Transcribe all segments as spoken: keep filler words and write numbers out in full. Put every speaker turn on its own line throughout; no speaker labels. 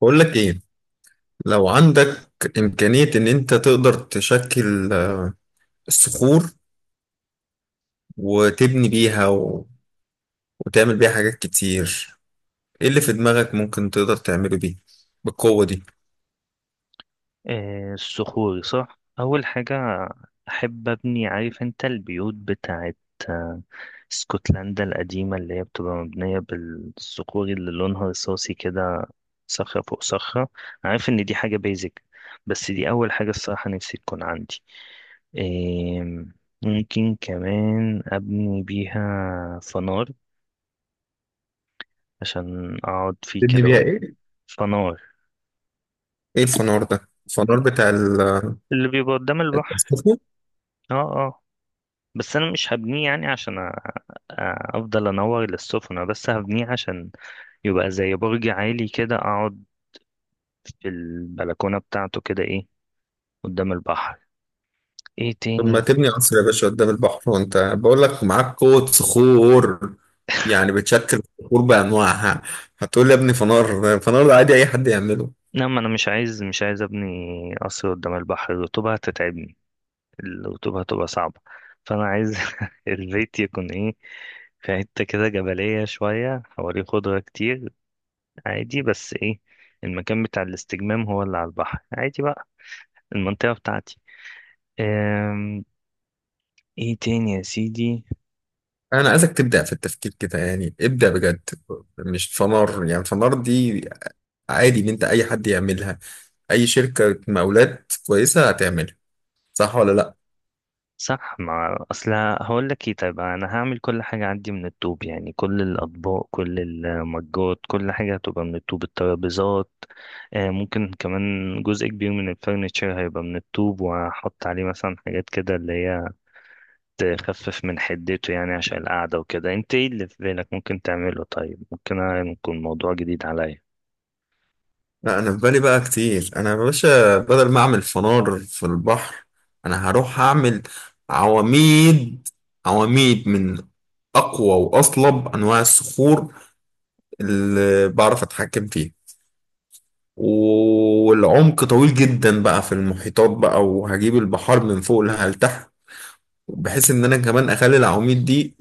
بقول لك ايه. لو عندك امكانية ان انت تقدر تشكل الصخور وتبني بيها و... وتعمل بيها حاجات كتير. ايه اللي في دماغك ممكن تقدر تعمله بيه بالقوة دي؟
آه، الصخور صح أول حاجة أحب أبني، عارف أنت البيوت بتاعت آه، اسكتلندا القديمة اللي هي بتبقى مبنية بالصخور اللي لونها رصاصي كده، صخرة فوق صخرة. عارف إن دي حاجة بيزك، بس دي أول حاجة الصراحة نفسي تكون عندي. آم، ممكن كمان أبني بيها فنار عشان أقعد فيه
تبني بيها
كده.
ايه؟
فنار
ايه الفنار ده؟ الفنار بتاع ال-
اللي بيبقى قدام البحر.
التصفيق.
اه اه، بس انا مش هبنيه يعني عشان أ- أ- افضل انور للسفن، أنا بس هبنيه عشان يبقى زي برج عالي كده، اقعد في البلكونة بتاعته كده، ايه، قدام البحر. ايه
طب ما
تاني؟
تبني قصر يا باشا قدام البحر، وانت بقول لك معاك قوة صخور، يعني بتشكل الصخور بأنواعها. هتقول لي يا ابني فنار؟ الفنار ده عادي اي حد يعمله.
لا، ما انا مش عايز مش عايز ابني قصر قدام البحر، الرطوبة هتتعبني، الرطوبة هتبقى صعبة. فانا عايز البيت يكون ايه، في حتة كده جبلية شوية، حواليه خضرة كتير عادي، بس ايه، المكان بتاع الاستجمام هو اللي على البحر، عادي بقى المنطقة بتاعتي. ايه تاني يا سيدي؟
انا عايزك تبدا في التفكير كده، يعني ابدا بجد. مش فنار، يعني فنار دي عادي ان انت اي حد يعملها، اي شركه مقاولات كويسه هتعملها. صح ولا لا؟
صح، ما اصل هقول لك ايه، طيب انا هعمل كل حاجه عندي من الطوب، يعني كل الاطباق كل المجات كل حاجه هتبقى من الطوب، الترابيزات، آه، ممكن كمان جزء كبير من الفرنتشر هيبقى من الطوب، وهحط عليه مثلا حاجات كده اللي هي تخفف من حدته يعني عشان القعده وكده. انت ايه اللي في بالك ممكن تعمله؟ طيب، ممكن أنا- يكون موضوع جديد عليا.
لا، انا في بالي بقى كتير. انا يا باشا بدل ما اعمل فنار في البحر، انا هروح اعمل عواميد. عواميد من اقوى واصلب انواع الصخور اللي بعرف اتحكم فيها. والعمق طويل جدا بقى في المحيطات بقى، وهجيب البحار من فوق لها لتحت، بحيث ان انا كمان اخلي العواميد دي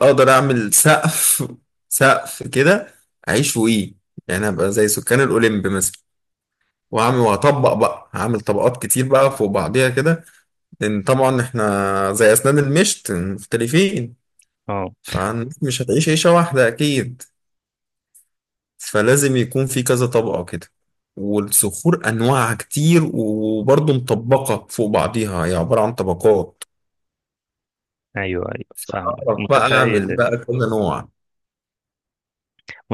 اقدر اعمل سقف. سقف كده اعيش فوقيه، يعني ابقى زي سكان الاوليمب مثلا. واعمل واطبق بقى، هعمل طبقات كتير بقى فوق بعضيها كده، لان طبعا احنا زي اسنان المشط مختلفين،
اه،
فمش هتعيش عيشة واحدة اكيد، فلازم يكون في كذا طبقة كده. والصخور انواعها كتير، وبرضه مطبقة فوق بعضيها، هي عبارة عن طبقات.
ايوه ايوه فاهمك،
بعرف بقى اعمل
متخيل،
بقى كل نوع.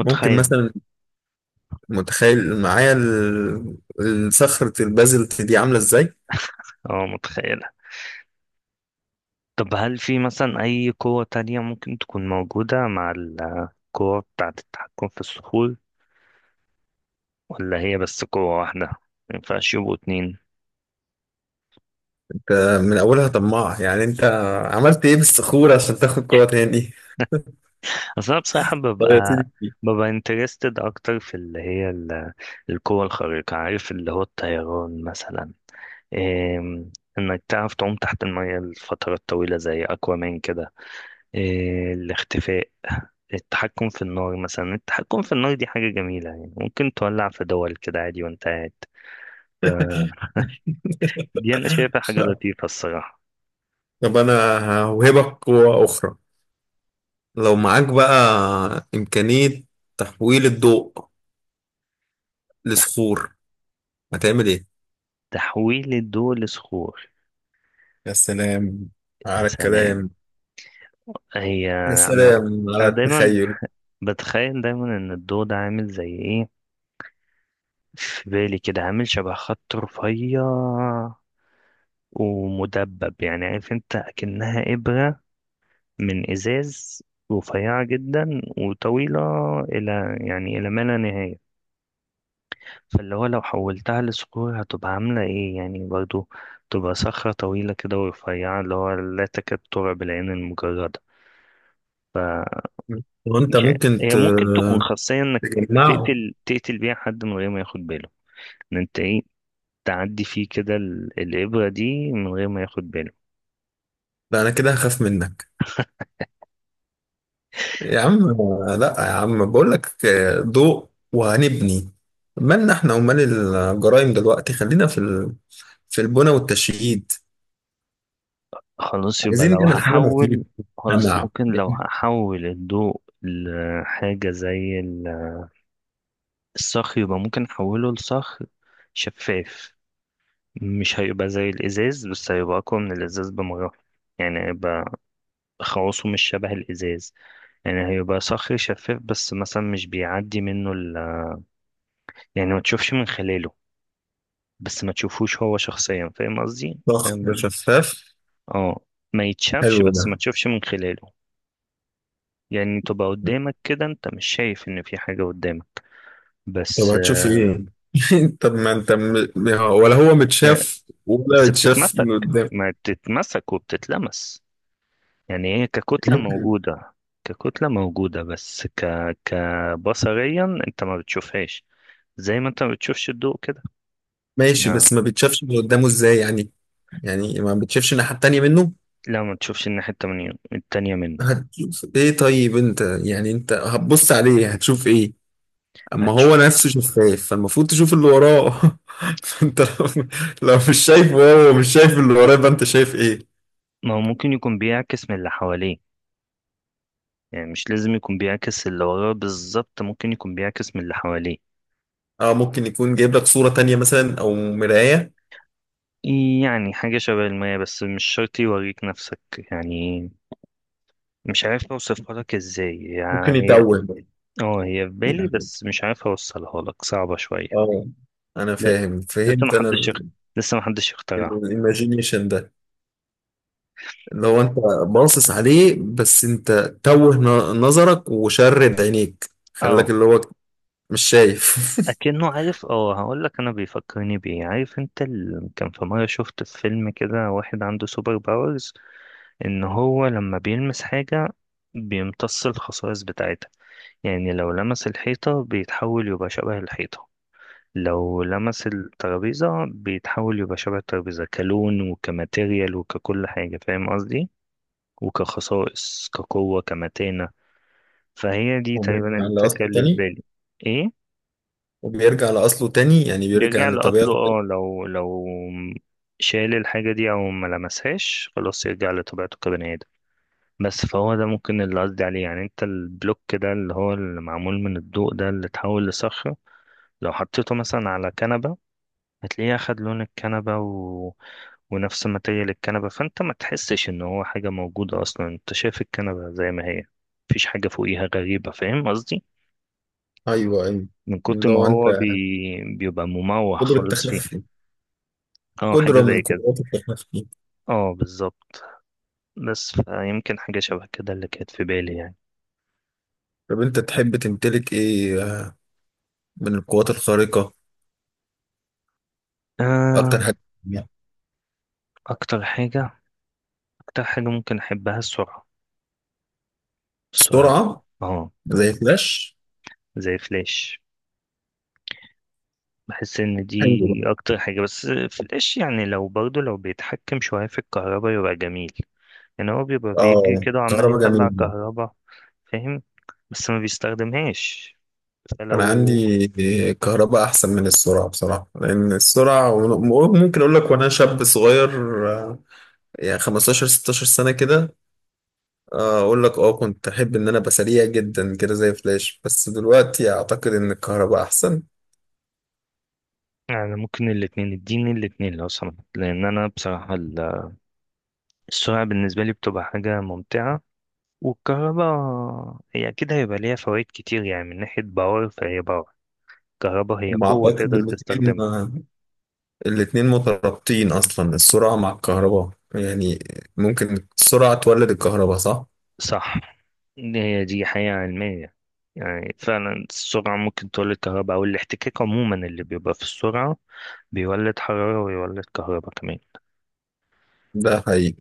ممكن مثلا، متخيل معايا ال- الصخرة البازلت دي عاملة ازاي؟
اه متخيل. طب هل في مثلا أي قوة تانية ممكن تكون موجودة مع القوة بتاعة التحكم في الصخور، ولا هي بس قوة واحدة؟ مينفعش يبقوا اتنين؟
ده من أولها طماع يعني أنت. عملت إيه بالصخور عشان تاخد قوة تاني؟
أصل أنا بصراحة
طب يا
ببقى،
سيدي.
ببقى انترستد أكتر في اللي هي ال- القوة الخارقة، عارف، اللي هو الطيران مثلا، إيه، إنك تعرف تعوم تحت المية لفترات طويلة زي أكوامان كده، إيه، الاختفاء، التحكم في النار مثلا، التحكم في النار دي حاجة جميلة، يعني ممكن تولع في دول كده عادي وانت قاعد. ف- دي أنا شايفها حاجة لطيفة الصراحة.
طب أنا هوهبك قوة أخرى. لو معاك بقى إمكانية تحويل الضوء
تح-
لصخور، هتعمل إيه؟
تحويل الضوء لصخور؟
يا سلام
يا
على
سلام.
الكلام.
هي،
يا
أنا
سلام على
أنا دايما
التخيل.
بتخيل دايما إن الضوء ده عامل زي إيه، في بالي كده عامل شبه خط رفيع ومدبب، يعني عارف أنت أكنها إبرة من إزاز رفيعة جدا وطويلة، إلى يعني إلى ما لا نهاية. فاللي هو لو حولتها لصخور هتبقى عاملة ايه يعني؟ برضو تبقى صخرة طويلة كده ورفيعة، اللي هو لا تكاد ترى بالعين المجردة.
وأنت
مش عارف،
ممكن
هي
ت-
ممكن تكون خاصية انك
تجمعه.
تقتل تقتل بيها حد من غير ما ياخد باله، ان انت ايه، تعدي فيه كده ال- الإبرة دي من غير ما ياخد باله.
لا، أنا كده هخاف منك يا عم. لا يا عم، بقول لك آه، ضوء وهنبني. مالنا احنا ومال الجرائم دلوقتي، خلينا في ال... في البنى والتشييد.
خلاص، يبقى
عايزين
لو
نعمل حاجة مفيدة
هحول، خلاص
للمجتمع.
ممكن لو هحول الضوء لحاجة زي ال- الصخر، يبقى ممكن أحوله لصخر شفاف. مش هيبقى زي الازاز، بس هيبقى اقوى من الازاز بمراحل، يعني هيبقى خواصه مش شبه الازاز، يعني هيبقى صخري شفاف، بس مثلا مش بيعدي منه ال... يعني ما تشوفش من خلاله، بس ما تشوفوش هو شخصيا، فاهم قصدي؟
ضخم
فاهم.
شفاف.
اه، ما يتشافش،
حلو ده.
بس ما تشوفش من خلاله. يعني تبقى قدامك كده، انت مش شايف ان في حاجة قدامك،
طب
بس.
هتشوف ايه؟ طب ما انت م... ولا هو متشاف ولا
بس
يتشاف
بتتمسك
من قدام؟
ما بتتمسك وبتتلمس، يعني هي ككتلة
ممكن.
موجودة، ككتلة موجودة، بس ك... كبصريا انت ما بتشوفهاش، زي ما انت ما بتشوفش الضوء كده.
ماشي،
لا،
بس ما بيتشافش من قدامه ازاي يعني؟ يعني ما بيتشافش الناحية التانية منه؟
لا، ما تشوفش الناحية التمانية، التانية منه.
هتشوف ايه طيب انت؟ يعني انت هتبص عليه هتشوف ايه؟ اما
هتش...
هو نفسه شفاف فالمفروض تشوف اللي وراه. انت لو، لو مش شايف وهو مش شايف اللي وراه، يبقى انت شايف ايه؟
ما هو ممكن يكون بيعكس من اللي حواليه، يعني مش لازم يكون بيعكس اللي وراه بالظبط، ممكن يكون بيعكس من اللي حواليه.
اه، ممكن يكون جايب لك صورة تانية مثلا، او مراية.
يعني حاجة شبه المية، بس مش شرط يوريك نفسك يعني. مش عارف اوصفها لك ازاي،
ممكن
يعني هي،
يتوه
اه، هي في بالي
يعني.
بس مش عارف اوصلها لك، صعبة شوية.
اه، انا فاهم،
لسه ما
فهمت
حدش يخ-
انا.
لسه ما حدش يخترعها.
الايماجينيشن ده، اللي هو انت باصص عليه، بس انت توه ن- نظرك وشرد عينيك، خلاك
اه،
اللي هو مش شايف.
اكنه عارف، اه هقول لك انا بيفكرني بايه، عارف انت ال... كان في مره شفت في فيلم كده واحد عنده سوبر باورز، ان هو لما بيلمس حاجه بيمتص الخصائص بتاعتها. يعني لو لمس الحيطه بيتحول يبقى شبه الحيطه، لو لمس الترابيزه بيتحول يبقى شبه الترابيزه، كلون وكماتيريال وككل حاجه، فاهم قصدي؟ وكخصائص كقوه كمتانه. فهي دي
وبيرجع
تقريبا الفكره
لأصله
اللي في
تاني؟
بالي. ايه؟
وبيرجع لأصله تاني يعني بيرجع
بيرجع لأصله،
لطبيعته تاني.
اه، لو لو شال الحاجة دي أو ما لمسهاش خلاص يرجع لطبيعته كبني آدم. بس فهو ده ممكن اللي قصدي عليه، يعني انت البلوك ده اللي هو اللي معمول من الضوء ده اللي اتحول لصخرة، لو حطيته مثلا على كنبة هتلاقيه أخد لون الكنبة و... ونفس ماتيريال الكنبة، فانت ما تحسش ان هو حاجة موجودة أصلا، انت شايف الكنبة زي ما هي، مفيش حاجة فوقيها غريبة، فاهم قصدي؟
أيوه أيوه.
من كتر
اللي
ما
هو أنت
هو بي... بيبقى مموه
قدرة
خالص فيها.
تخفي.
اه حاجة
قدرة من
زي كده.
قدرات التخفي.
اه بالظبط، بس يمكن حاجة شبه كده اللي كانت في بالي يعني.
طب أنت تحب تمتلك إيه من القوات الخارقة؟
آه،
أكتر حاجة بتحبها؟
أكتر حاجة، أكتر حاجة ممكن أحبها السرعة. السرعة،
السرعة.
اه،
زي فلاش.
زي فلاش. بحس إن دي
حلو ده.
أكتر حاجة، بس فلاش يعني لو برضه لو بيتحكم شوية في الكهرباء يبقى جميل، يعني هو بيبقى بيجري
آه،
كده وعمال
كهرباء
يطلع
جميلة.
كهرباء، فاهم، بس ما بيستخدمهاش.
أنا
فلو،
عندي كهرباء أحسن من السرعة بصراحة، لأن السرعة ممكن أقول لك وأنا شاب صغير، آه، يعني خمستاشر ستاشر سنة كده. آه، اقول لك اه، كنت احب ان انا ابقى سريع جدا كده زي فلاش، بس دلوقتي اعتقد ان الكهرباء احسن.
يعني ممكن الاتنين، اديني الاتنين لو سمحت، لأن أنا بصراحة ال- السرعة بالنسبة لي بتبقى حاجة ممتعة، والكهرباء هي أكيد هيبقى ليها فوائد كتير، يعني من ناحية باور، فهي باور، الكهرباء هي
ما
قوة
اعتقد
تقدر
الاتنين،
تستخدمها.
آه، الاتنين مترابطين اصلا، السرعة مع الكهرباء، يعني ممكن السرعة تولد الكهرباء، صح؟
صح، إن هي دي حقيقة علمية، يعني فعلا السرعة ممكن تولد كهرباء، أو الاحتكاك عموما اللي بيبقى في السرعة بيولد حرارة ويولد كهرباء كمان.
ده حقيقي.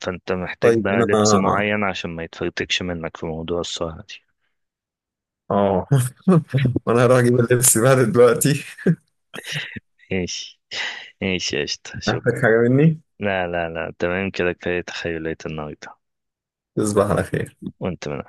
فأنت محتاج
طيب
بقى لبس
انا،
معين عشان ما يتفرتكش منك في موضوع السرعة دي.
اه وانا هروح اجيب اللبس بقى دلوقتي.
ماشي، ماشي يا قشطة، شكرا.
محتاج حاجة مني؟
لا لا لا، تمام كده، كفاية تخيلات النهاردة.
تصبح على خير.
وأنت من